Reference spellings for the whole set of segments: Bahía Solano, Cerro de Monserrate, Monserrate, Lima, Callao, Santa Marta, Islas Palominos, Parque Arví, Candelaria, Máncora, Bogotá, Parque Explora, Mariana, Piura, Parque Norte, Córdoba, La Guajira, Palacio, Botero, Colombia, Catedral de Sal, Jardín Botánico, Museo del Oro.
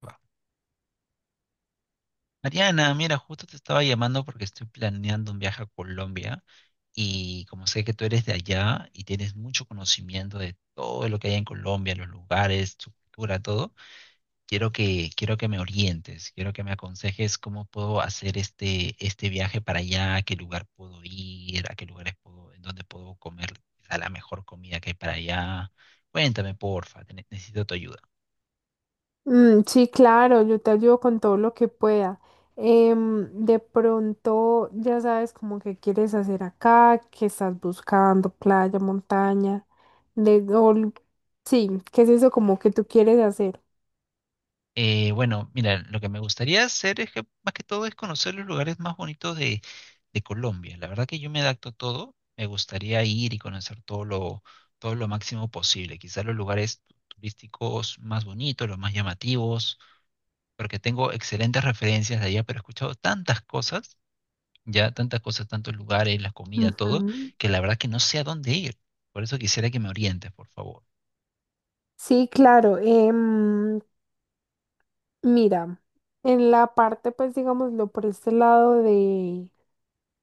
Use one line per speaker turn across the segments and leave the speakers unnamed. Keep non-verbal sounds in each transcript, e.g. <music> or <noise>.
Va. Mariana, mira, justo te estaba llamando porque estoy planeando un viaje a Colombia y como sé que tú eres de allá y tienes mucho conocimiento de todo lo que hay en Colombia, los lugares, su cultura, todo, quiero que me orientes, quiero que me aconsejes cómo puedo hacer este viaje para allá, a qué lugar puedo ir, a qué lugares puedo, en dónde puedo comer quizá la mejor comida que hay para allá. Cuéntame, porfa, necesito tu ayuda.
Mm, sí, claro, yo te ayudo con todo lo que pueda. De pronto ya sabes como que quieres hacer acá, que estás buscando playa, montaña, de, o l- sí, ¿qué es eso como que tú quieres hacer?
Bueno, mira, lo que me gustaría hacer es que más que todo es conocer los lugares más bonitos de Colombia. La verdad que yo me adapto a todo, me gustaría ir y conocer todo lo máximo posible. Quizás los lugares turísticos más bonitos, los más llamativos, porque tengo excelentes referencias de allá, pero he escuchado tantas cosas, ya tantas cosas, tantos lugares, la comida, todo,
Ujú.
que la verdad que no sé a dónde ir. Por eso quisiera que me orientes, por favor.
Sí, claro. Mira, en la parte, pues digámoslo, por este lado de,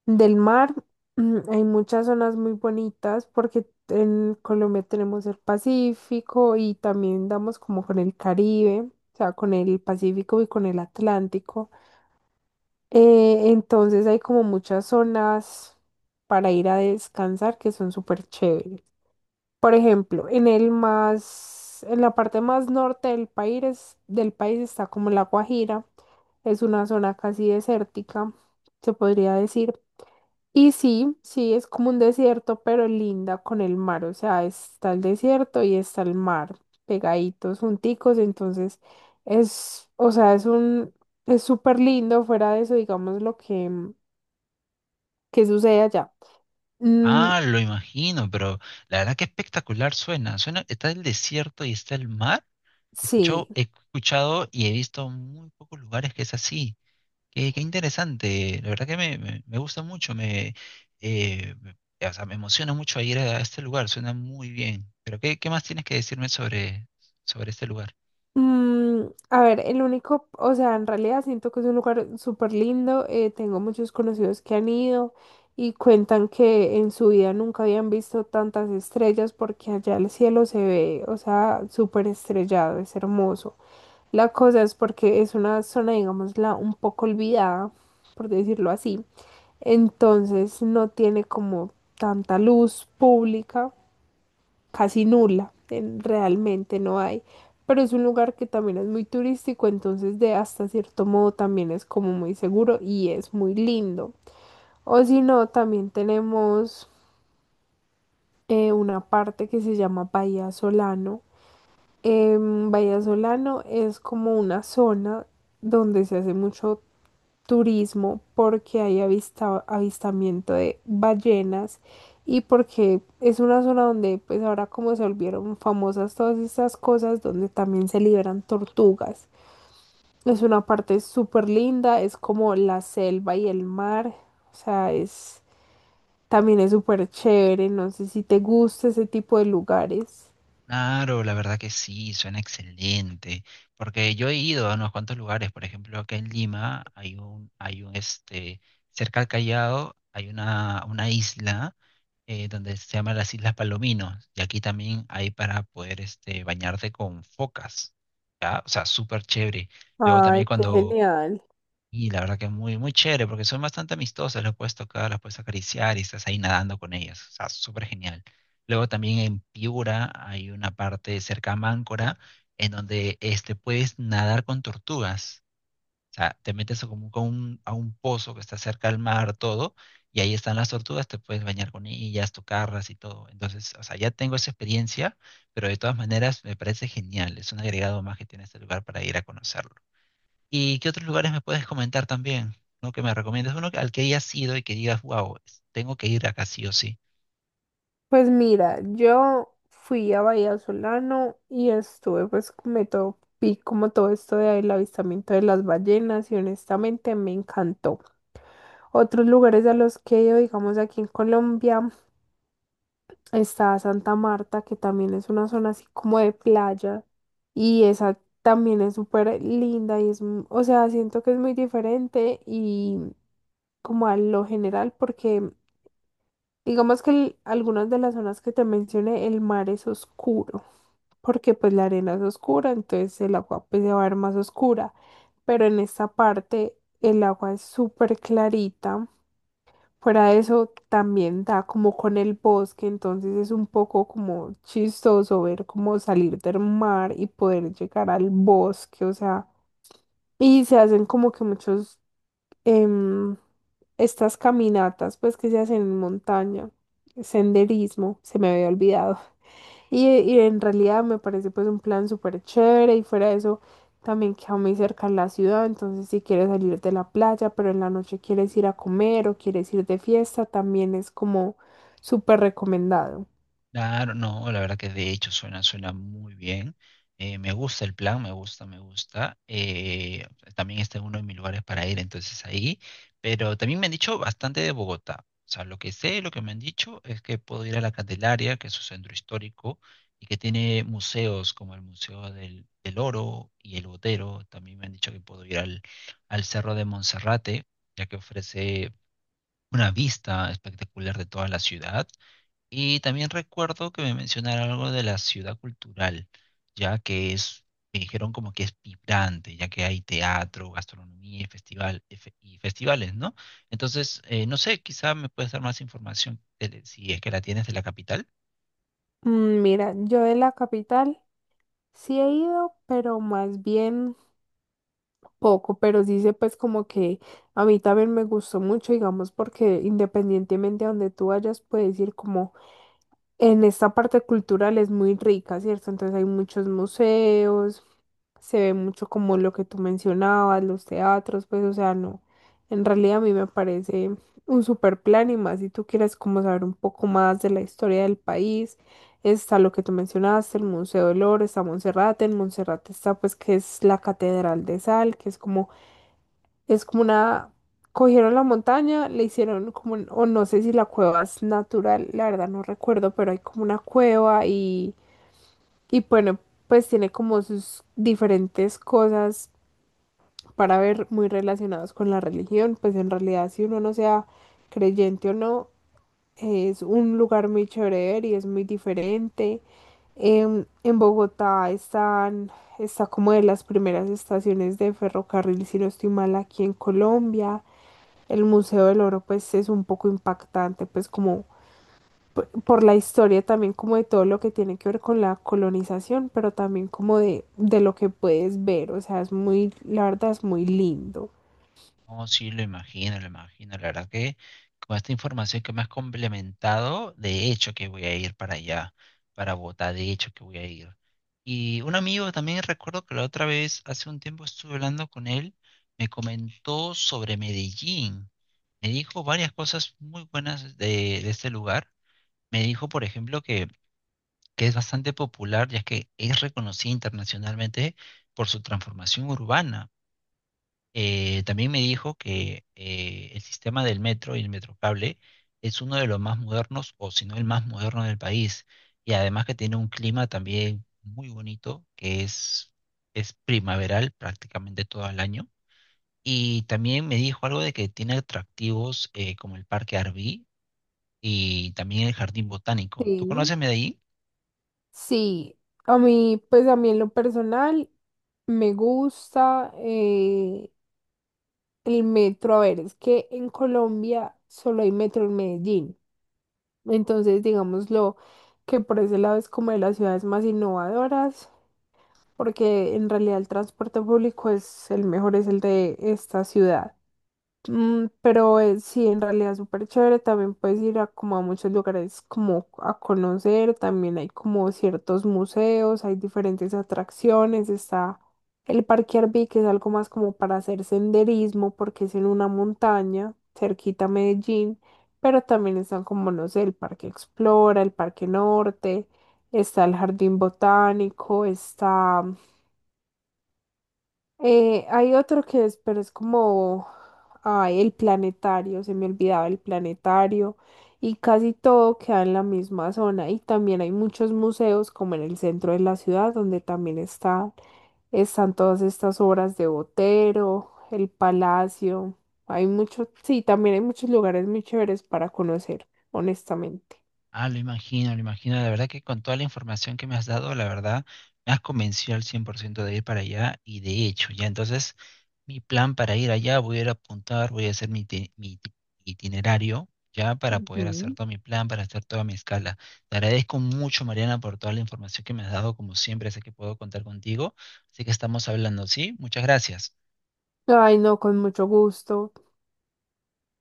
del mar, hay muchas zonas muy bonitas porque en Colombia tenemos el Pacífico y también damos como con el Caribe, o sea, con el Pacífico y con el Atlántico. Entonces hay como muchas zonas para ir a descansar que son súper chéveres. Por ejemplo, en el más, en la parte más norte del país está como La Guajira, es una zona casi desértica, se podría decir. Y sí, sí, es como un desierto, pero linda con el mar. O sea, está el desierto y está el mar, pegaditos, junticos. Entonces, es, o sea, es un, es súper lindo fuera de eso, digamos, lo que sucede allá. Mm,
Ah, lo imagino, pero la verdad que espectacular suena. Suena, está el desierto y está el mar. He
sí.
escuchado, he escuchado y he visto muy pocos lugares que es así. Qué, qué interesante. La verdad que me gusta mucho. Eh, me- o sea, me emociona mucho ir a este lugar. Suena muy bien. Pero ¿qué, qué más tienes que decirme sobre este lugar?
Mm, a ver, el único, o sea, en realidad siento que es un lugar súper lindo. Tengo muchos conocidos que han ido y cuentan que en su vida nunca habían visto tantas estrellas porque allá el cielo se ve, o sea, súper estrellado, es hermoso. La cosa es porque es una zona, digámosla, un poco olvidada, por decirlo así. Entonces no tiene como tanta luz pública, casi nula, en- realmente no hay, pero es un lugar que también es muy turístico, entonces de hasta cierto modo también es como muy seguro y es muy lindo. O si no, también tenemos una parte que se llama Bahía Solano. Bahía Solano es como una zona donde se hace mucho turismo porque hay avista- avistamiento de ballenas y porque es una zona donde pues ahora como se volvieron famosas todas estas cosas donde también se liberan tortugas. Es una parte súper linda, es como la selva y el mar, o sea, es también es súper chévere, no sé si te gusta ese tipo de lugares.
Claro, la verdad que sí, suena excelente. Porque yo he ido a unos cuantos lugares, por ejemplo, acá en Lima hay un, cerca al Callao hay una isla donde se llama las Islas Palominos. Y aquí también hay para poder, este, bañarte con focas, ¿ya? O sea, súper chévere. Luego también
Ay, qué
cuando
genial.
y la verdad que es muy chévere porque son bastante amistosas, las puedes tocar, las puedes acariciar y estás ahí nadando con ellas. O sea, súper genial. Luego también en Piura hay una parte cerca a Máncora en donde este, puedes nadar con tortugas. O sea, te metes a a un pozo que está cerca al mar, todo, y ahí están las tortugas, te puedes bañar con ellas, tocarlas y todo. Entonces, o sea, ya tengo esa experiencia, pero de todas maneras me parece genial. Es un agregado más que tiene este lugar para ir a conocerlo. ¿Y qué otros lugares me puedes comentar también? ¿No? Que me recomiendas uno al que hayas ido y que digas, wow, tengo que ir acá sí o sí.
Pues mira, yo fui a Bahía Solano y estuve pues me topé como todo esto del avistamiento de las ballenas y honestamente me encantó. Otros lugares a los que he ido, digamos aquí en Colombia, está Santa Marta, que también es una zona así como de playa y esa también es súper linda y es, m- o sea, siento que es muy diferente y como a lo general porque digamos que el- algunas de las zonas que te mencioné, el mar es oscuro, porque pues la arena es oscura, entonces el agua pues se va a ver más oscura, pero en esta parte el agua es súper clarita. Fuera de eso también da como con el bosque, entonces es un poco como chistoso ver cómo salir del mar y poder llegar al bosque, o sea, y se hacen como que muchos em, estas caminatas, pues que se hacen en montaña, senderismo, se me había olvidado. <laughs> Y en realidad me parece pues un plan súper chévere y fuera de eso también queda muy cerca la ciudad, entonces si quieres salir de la playa, pero en la noche quieres ir a comer o quieres ir de fiesta, también es como súper recomendado.
Claro, no, la verdad que de hecho suena, suena muy bien. Me gusta el plan, me gusta, me gusta. También está en uno de mis lugares para ir, entonces ahí. Pero también me han dicho bastante de Bogotá. O sea, lo que sé, lo que me han dicho es que puedo ir a la Candelaria, que es su centro histórico, y que tiene museos como el Museo del Oro y el Botero. También me han dicho que puedo ir al Cerro de Monserrate, ya que ofrece una vista espectacular de toda la ciudad y también recuerdo que me mencionaron algo de la ciudad cultural, ya que es, me dijeron como que es vibrante, ya que hay teatro, gastronomía y y festivales, ¿no? Entonces, no sé, quizá me puedes dar más información si es que la tienes de la capital.
Mm, mira, yo de la capital sí he ido, pero más bien poco, pero sí sé pues como que a mí también me gustó mucho, digamos, porque independientemente a donde tú vayas, puedes ir como en esta parte cultural es muy rica, ¿cierto? Entonces hay muchos museos, se ve mucho como lo que tú mencionabas, los teatros, pues o sea, no, en realidad a mí me parece un super plan y más si tú quieres como saber un poco más de la historia del país. Está lo que tú mencionaste, el Museo del Oro, está Monserrate, en Monserrate está pues que es la Catedral de Sal, que es como una, cogieron la montaña, le hicieron como, un- o no sé si la cueva es natural, la verdad no recuerdo, pero hay como una cueva y bueno, pues tiene como sus diferentes cosas para ver muy relacionadas con la religión, pues en realidad si uno no sea creyente o no, es un lugar muy chévere de ver y es muy diferente. En Bogotá están, está como de las primeras estaciones de ferrocarril, si no estoy mal, aquí en Colombia el Museo del Oro pues es un poco impactante pues como por la historia también como de todo lo que tiene que ver con la colonización, pero también como de lo que puedes ver, o sea, es muy, la verdad es muy lindo.
No, sí, lo imagino, lo imagino. La verdad que con esta información que me has complementado, de hecho que voy a ir para allá, para Bogotá, de hecho que voy a ir. Y un amigo también recuerdo que la otra vez, hace un tiempo estuve hablando con él, me comentó sobre Medellín. Me dijo varias cosas muy buenas de este lugar. Me dijo, por ejemplo, que es bastante popular, ya que es reconocida internacionalmente por su transformación urbana. También me dijo que el sistema del metro y el metrocable es uno de los más modernos, o si no el más moderno del país, y además que tiene un clima también muy bonito, que es primaveral prácticamente todo el año. Y también me dijo algo de que tiene atractivos como el Parque Arví y también el Jardín Botánico. ¿Tú
Sí.
conoces Medellín?
Sí, a mí pues a mí en lo personal me gusta el metro, a ver, es que en Colombia solo hay metro en Medellín, entonces digámoslo que por ese lado es como de las ciudades más innovadoras. Porque en realidad el transporte público es el mejor, es el de esta ciudad. Mm, pero sí, en realidad es súper chévere, también puedes ir a como a muchos lugares como a conocer, también hay como ciertos museos, hay diferentes atracciones, está el Parque Arví, que es algo más como para hacer senderismo, porque es en una montaña, cerquita a Medellín, pero también están como, no sé, el Parque Explora, el Parque Norte, está el Jardín Botánico, está hay otro que es, pero es como, ay, el planetario, se me olvidaba el planetario, y casi todo queda en la misma zona. Y también hay muchos museos, como en el centro de la ciudad, donde también está, están todas estas obras de Botero, el Palacio. Hay muchos, sí, también hay muchos lugares muy chéveres para conocer, honestamente.
Ah, lo imagino, lo imagino. La verdad que con toda la información que me has dado, la verdad, me has convencido al 100% de ir para allá y de hecho, ya entonces mi plan para ir allá, voy a ir a apuntar, voy a hacer mi itinerario, ya para poder hacer
Ujú.
todo mi plan, para hacer toda mi escala. Te agradezco mucho, Mariana, por toda la información que me has dado, como siempre, sé que puedo contar contigo, así que estamos hablando, ¿sí? Muchas gracias.
Ay, no, con mucho gusto.